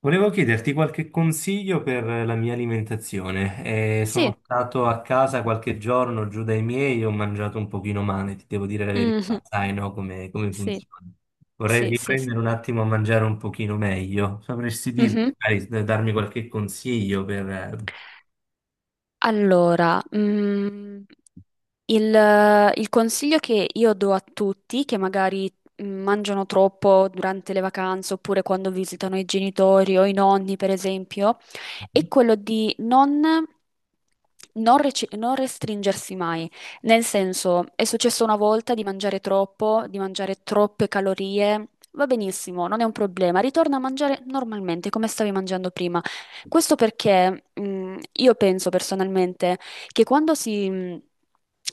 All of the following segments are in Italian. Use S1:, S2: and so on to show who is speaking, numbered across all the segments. S1: Volevo chiederti qualche consiglio per la mia alimentazione.
S2: Sì,
S1: Sono stato a casa qualche giorno giù dai miei, ho mangiato un pochino male, ti devo dire la
S2: mhm,
S1: verità, sai, no, come
S2: sì,
S1: funziona. Vorrei
S2: sì, sì,
S1: riprendere
S2: sì.
S1: un attimo a mangiare un pochino meglio. Sapresti dirmi,
S2: Mhm.
S1: magari, darmi qualche consiglio per...
S2: Allora, il consiglio che io do a tutti che magari mangiano troppo durante le vacanze oppure quando visitano i genitori o i nonni, per esempio, è quello di non, non restringersi mai. Nel senso, è successo una volta di mangiare troppo, di mangiare troppe calorie. Va benissimo, non è un problema, ritorna a mangiare normalmente come stavi mangiando prima. Questo perché, io penso personalmente che quando si,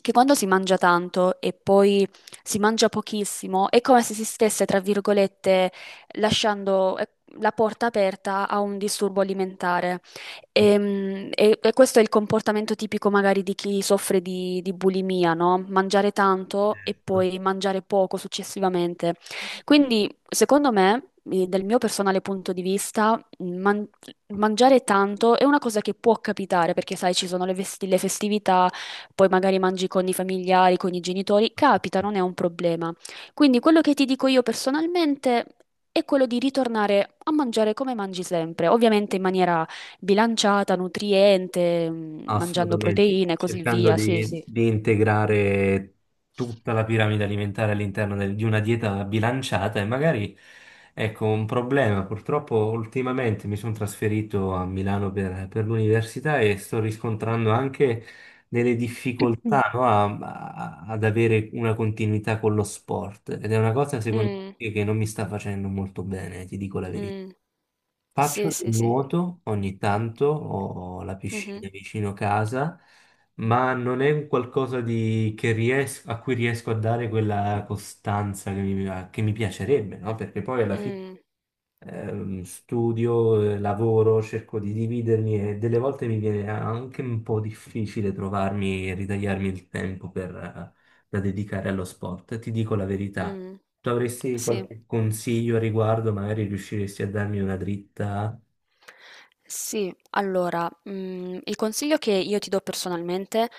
S2: che quando si mangia tanto e poi si mangia pochissimo, è come se si stesse, tra virgolette, lasciando la porta aperta a un disturbo alimentare. E questo è il comportamento tipico magari di chi soffre di bulimia, no? Mangiare tanto e poi mangiare poco successivamente. Quindi, secondo me, dal mio personale punto di vista, man- mangiare tanto è una cosa che può capitare perché, sai, ci sono le festività, poi magari mangi con i familiari, con i genitori, capita, non è un problema. Quindi quello che ti dico io personalmente è quello di ritornare a mangiare come mangi sempre, ovviamente in maniera bilanciata, nutriente, mangiando
S1: Assolutamente,
S2: proteine e così
S1: cercando
S2: via. Sì, sì.
S1: di integrare tutta la piramide alimentare all'interno di una dieta bilanciata e magari, ecco, un problema. Purtroppo ultimamente mi sono trasferito a Milano per l'università e sto riscontrando anche delle
S2: Mm.
S1: difficoltà, no, ad avere una continuità con lo sport ed è una cosa secondo
S2: Mm,
S1: me che non mi sta facendo molto bene, ti dico la verità.
S2: mm, sì,
S1: Faccio del
S2: sì, sì.
S1: nuoto ogni tanto, ho la
S2: Mhm,
S1: piscina vicino casa, ma non è un qualcosa di- che ries- a cui riesco a dare quella costanza che mi piacerebbe, no? Perché poi alla fine
S2: mm,
S1: studio, lavoro, cerco di dividermi e delle volte mi viene anche un po' difficile trovarmi e ritagliarmi il tempo da dedicare allo sport. Ti dico la verità.
S2: mm,
S1: Tu avresti
S2: sì.
S1: qualche consiglio a riguardo, magari riusciresti a darmi una dritta?
S2: Sì, allora, il consiglio che io ti do personalmente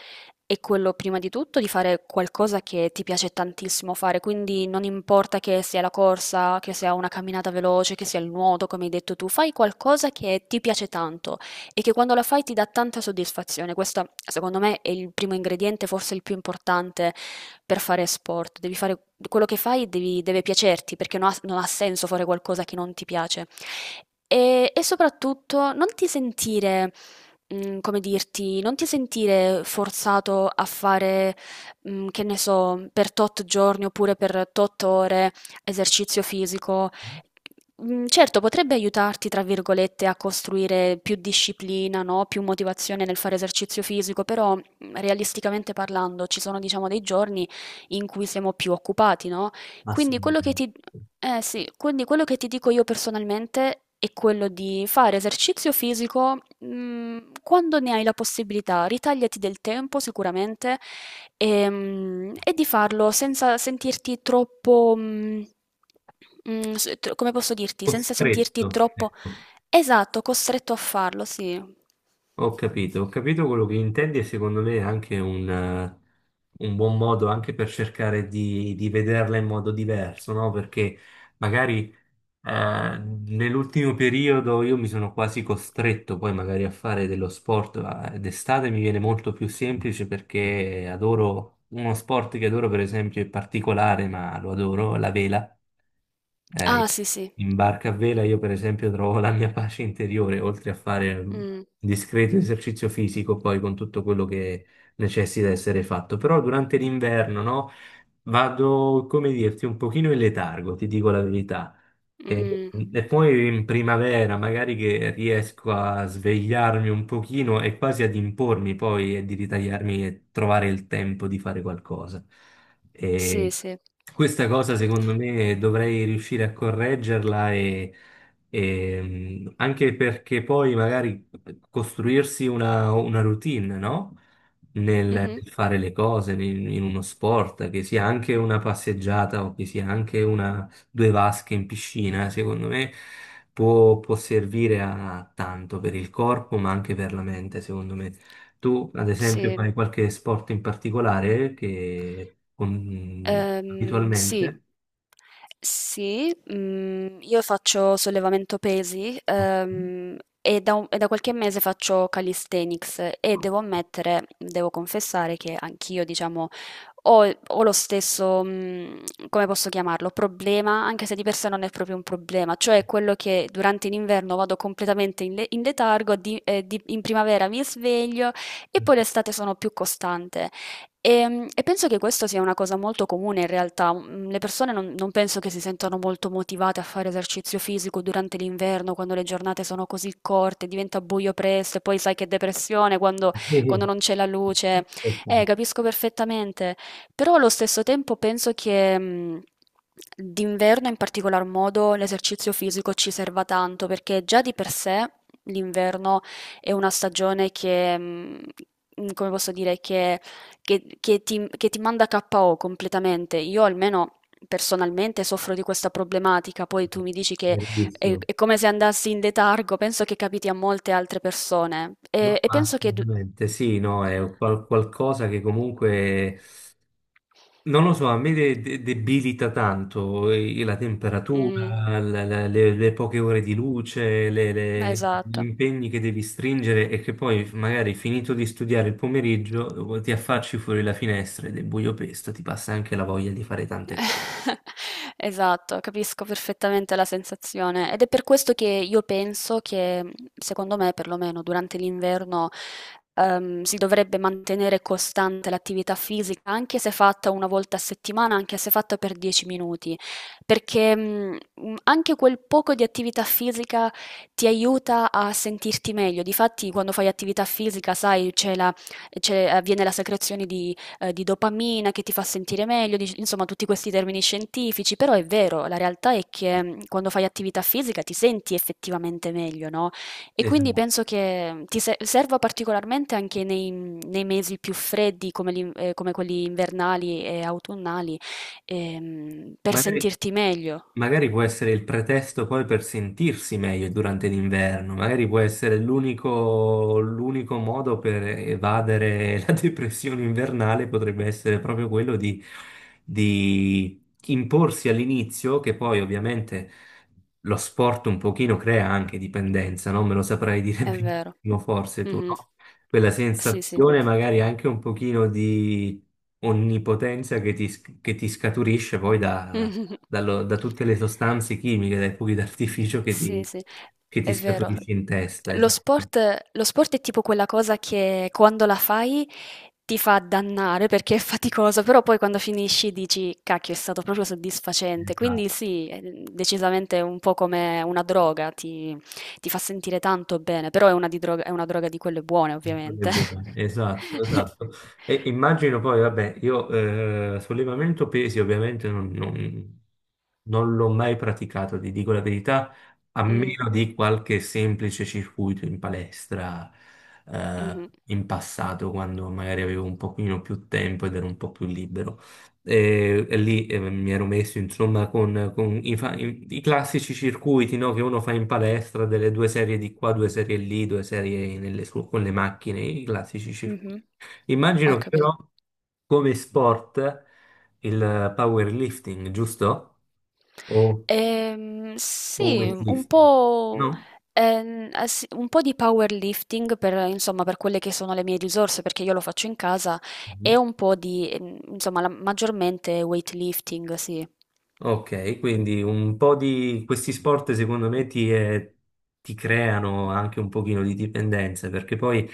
S2: è quello prima di tutto di fare qualcosa che ti piace tantissimo fare, quindi non importa che sia la corsa, che sia una camminata veloce, che sia il nuoto, come hai detto tu, fai qualcosa che ti piace tanto e che quando la fai ti dà tanta soddisfazione. Questo, secondo me, è il primo ingrediente, forse il più importante per fare sport. Devi fare quello che fai deve piacerti, perché non ha, non ha senso fare qualcosa che non ti piace. E soprattutto non ti sentire, come dirti, non ti sentire forzato a fare, che ne so, per tot giorni oppure per tot ore esercizio fisico. Certo, potrebbe aiutarti, tra virgolette, a costruire più disciplina, no? Più motivazione nel fare esercizio fisico, però realisticamente parlando ci sono, diciamo, dei giorni in cui siamo più occupati, no? Quindi quello che
S1: Assolutamente.
S2: ti, sì, quindi quello che ti dico io personalmente è quello di fare esercizio fisico, quando ne hai la possibilità. Ritagliati del tempo sicuramente. E di farlo senza sentirti troppo, mhmm, mhmm, s tro come posso dirti, senza sentirti
S1: Costretto,
S2: troppo.
S1: ecco.
S2: Esatto, costretto a farlo, sì.
S1: Ho capito quello che intendi e secondo me è anche un buon modo anche per cercare di vederla in modo diverso, no? Perché magari Eh, nell'ultimo periodo io mi sono quasi costretto poi magari a fare dello sport, ma d'estate mi viene molto più semplice perché adoro uno sport che adoro per esempio è particolare, ma lo adoro, la vela.
S2: Ah,
S1: Eh,
S2: sì, sì.
S1: In barca a vela io per esempio trovo la mia pace interiore, oltre a fare un
S2: Mh,
S1: discreto esercizio fisico poi con tutto quello che necessita essere fatto. Però durante l'inverno, no? Vado, come dirti, un pochino in letargo, ti dico la verità. E,
S2: mh,
S1: e poi in primavera magari che riesco a svegliarmi un pochino e quasi ad impormi poi e di ritagliarmi e trovare il tempo di fare qualcosa. E
S2: sì, sì.
S1: questa cosa secondo me dovrei riuscire a correggerla anche perché poi magari costruirsi una routine, no?
S2: Mh-mh.
S1: Nel fare le cose in uno sport, che sia anche una passeggiata o che sia anche due vasche in piscina, secondo me può servire a tanto per il corpo, ma anche per la mente, secondo me. Tu, ad esempio, fai
S2: Sì.
S1: qualche sport in particolare che
S2: Sì,
S1: abitualmente...
S2: sì, io faccio sollevamento pesi, e da qualche mese faccio calisthenics e devo ammettere, devo confessare che anch'io, diciamo, ho lo stesso, come posso chiamarlo, problema, anche se di per sé non è proprio un problema, cioè quello che durante l'inverno vado completamente in letargo, in primavera mi sveglio e poi l'estate sono più costante. E penso che questo sia una cosa molto comune in realtà. Mhmm, le persone non penso che si sentano molto motivate a fare esercizio fisico durante l'inverno, quando le giornate sono così corte, diventa buio presto e poi sai che depressione quando
S1: Eh,
S2: non c'è la luce.
S1: esatto.
S2: Capisco perfettamente, però allo stesso tempo penso che, d'inverno in particolar modo l'esercizio fisico ci serva tanto, perché già di per sé l'inverno è una stagione che, come posso dire, che ti manda KO completamente. Io almeno personalmente soffro di questa problematica, poi tu mi dici che
S1: Verissimo.
S2: è come se andassi in letargo, penso che capiti a molte altre persone e,
S1: No,
S2: e
S1: ma
S2: penso che.
S1: assolutamente sì, no, è qualcosa che comunque non lo so, a me debilita tanto la
S2: Mm,
S1: temperatura, le poche ore di luce, gli
S2: esatto.
S1: impegni che devi stringere e che poi magari finito di studiare il pomeriggio ti affacci fuori la finestra ed è buio pesto, ti passa anche la voglia di fare tante
S2: Esatto, capisco perfettamente la sensazione ed è per questo che io penso che, secondo me, perlomeno durante l'inverno, si dovrebbe mantenere costante l'attività fisica, anche se fatta una volta a settimana, anche se fatta per 10 minuti, perché, anche quel poco di attività fisica ti aiuta a sentirti meglio. Difatti, quando fai attività fisica, sai, avviene la secrezione di dopamina che ti fa sentire meglio, insomma tutti questi termini scientifici, però è vero, la realtà è che quando fai attività fisica ti senti effettivamente meglio, no? E
S1: cose.
S2: quindi penso che ti serva particolarmente anche nei mesi più freddi come quelli invernali e autunnali, per
S1: Magari
S2: sentirti meglio,
S1: magari può essere il pretesto poi per sentirsi meglio durante l'inverno, magari può essere l'unico modo per evadere la depressione invernale, potrebbe essere proprio quello di imporsi all'inizio, che poi ovviamente lo sport un pochino crea anche dipendenza, non me lo saprai dire
S2: è vero.
S1: benissimo forse tu,
S2: Mhm.
S1: no? Quella
S2: Sì, sì.
S1: sensazione magari anche un pochino di onnipotenza che ti, che ti scaturisce poi da, da tutte le sostanze chimiche, dai fuochi d'artificio
S2: Sì, sì,
S1: che ti
S2: è vero.
S1: scaturisci in testa, esatto.
S2: Lo sport è tipo quella cosa che quando la fai ti fa dannare perché è faticoso, però poi quando finisci dici, cacchio, è stato proprio soddisfacente.
S1: Esatto.
S2: Quindi sì, è decisamente un po' come una droga, ti fa sentire tanto bene, però è una droga di quelle buone,
S1: Cose
S2: ovviamente.
S1: buone, esatto, esatto. E immagino poi, vabbè, io sollevamento pesi ovviamente non l'ho mai praticato, ti dico la verità, a
S2: Mm,
S1: meno di qualche semplice circuito in palestra
S2: mhm,
S1: in passato, quando magari avevo un pochino più tempo ed ero un po' più libero. E lì mi ero messo insomma con i, i classici circuiti no, che uno fa in palestra, delle due serie di qua, due serie lì, due serie con le macchine, i classici circuiti.
S2: mhm. Ho
S1: Immagino che
S2: capito.
S1: però come sport il powerlifting, giusto? O,
S2: Ehm,
S1: o
S2: sì, un
S1: weightlifting?
S2: po',
S1: No?
S2: eh sì, un po' di powerlifting per, insomma, per quelle che sono le mie risorse, perché io lo faccio in casa, e un po' di, insomma, maggiormente weightlifting, sì.
S1: Ok, quindi un po' di questi sport secondo me ti, ti creano anche un pochino di dipendenza, perché poi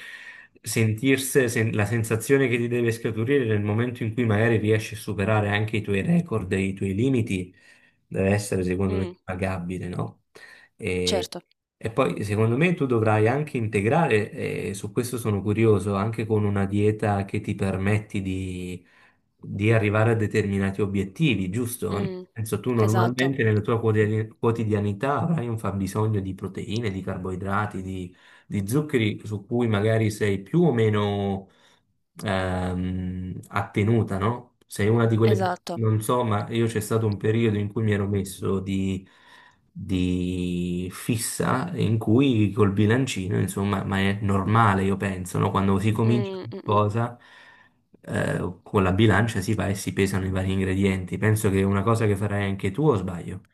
S1: sentirsi, la sensazione che ti deve scaturire nel momento in cui magari riesci a superare anche i tuoi record e i tuoi limiti deve essere secondo me
S2: Mm,
S1: pagabile, no? E,
S2: certo.
S1: e poi secondo me tu dovrai anche integrare, e su questo sono curioso, anche con una dieta che ti permetti di arrivare a determinati obiettivi, giusto? Nel
S2: Mm,
S1: senso, tu
S2: esatto,
S1: normalmente nella tua quotidianità avrai un fabbisogno di proteine, di carboidrati, di zuccheri su cui magari sei più o meno attenuta, no? Sei una di quelle,
S2: esatto.
S1: non so, ma io c'è stato un periodo in cui mi ero messo di fissa in cui col bilancino, insomma, ma è normale, io penso, no? Quando si comincia
S2: Mm, mm, mm.
S1: qualcosa, con la bilancia si va e si pesano i vari ingredienti. Penso che è una cosa che farai anche tu, o sbaglio?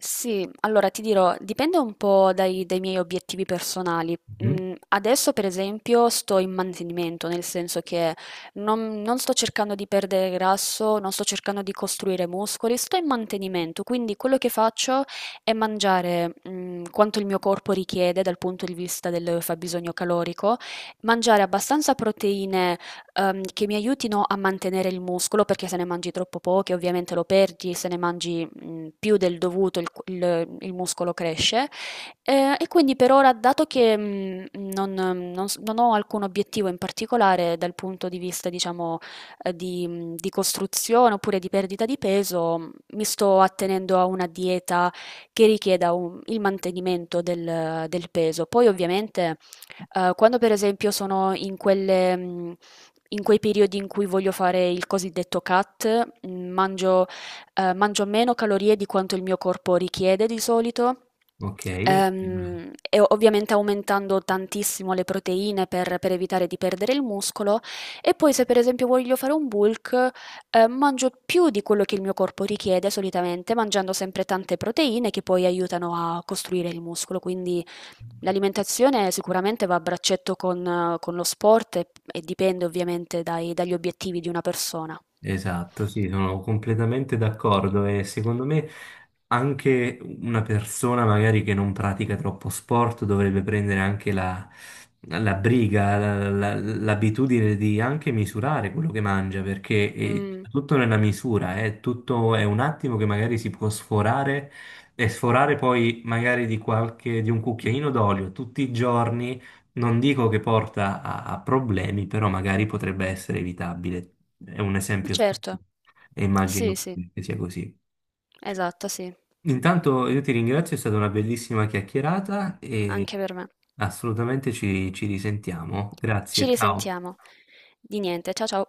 S2: Sì, allora ti dirò, dipende un po' dai miei obiettivi personali.
S1: Mhm.
S2: Mm, adesso, per esempio, sto in mantenimento, nel senso che non sto cercando di perdere grasso, non sto cercando di costruire muscoli, sto in mantenimento, quindi quello che faccio è mangiare, quanto il mio corpo richiede dal punto di vista del fabbisogno calorico, mangiare abbastanza proteine che mi aiutino a mantenere il muscolo, perché se ne mangi troppo poche ovviamente lo perdi, se ne mangi più del dovuto il muscolo cresce. E quindi per ora, dato che non ho alcun obiettivo in particolare dal punto di vista, diciamo, di costruzione oppure di perdita di peso, mi sto attenendo a una dieta che richieda il mantenimento del peso. Poi ovviamente quando per esempio sono in quei periodi in cui voglio fare il cosiddetto cut, mangio meno calorie di quanto il mio corpo richiede di solito,
S1: Ok.
S2: e ovviamente aumentando tantissimo le proteine per evitare di perdere il muscolo, e poi se per esempio voglio fare un bulk, mangio più di quello che il mio corpo richiede solitamente, mangiando sempre tante proteine che poi aiutano a costruire il muscolo, quindi l'alimentazione sicuramente va a braccetto con lo sport e dipende ovviamente dai dagli obiettivi di una persona.
S1: Esatto, sì, sono completamente d'accordo e secondo me anche una persona magari che non pratica troppo sport dovrebbe prendere anche la briga, l'abitudine di anche misurare quello che mangia, perché è
S2: Mh,
S1: tutto nella misura, è tutto è un attimo che magari si può sforare e sforare poi magari di qualche, di un cucchiaino d'olio tutti i giorni non dico che porta a problemi, però magari potrebbe essere evitabile. È un esempio
S2: certo.
S1: stupido e
S2: Sì,
S1: immagino
S2: sì,
S1: che sia così.
S2: esatto, sì.
S1: Intanto io ti ringrazio, è stata una bellissima chiacchierata e
S2: Anche per me.
S1: assolutamente ci risentiamo.
S2: Ci
S1: Grazie, ciao.
S2: risentiamo. Di niente, ciao ciao.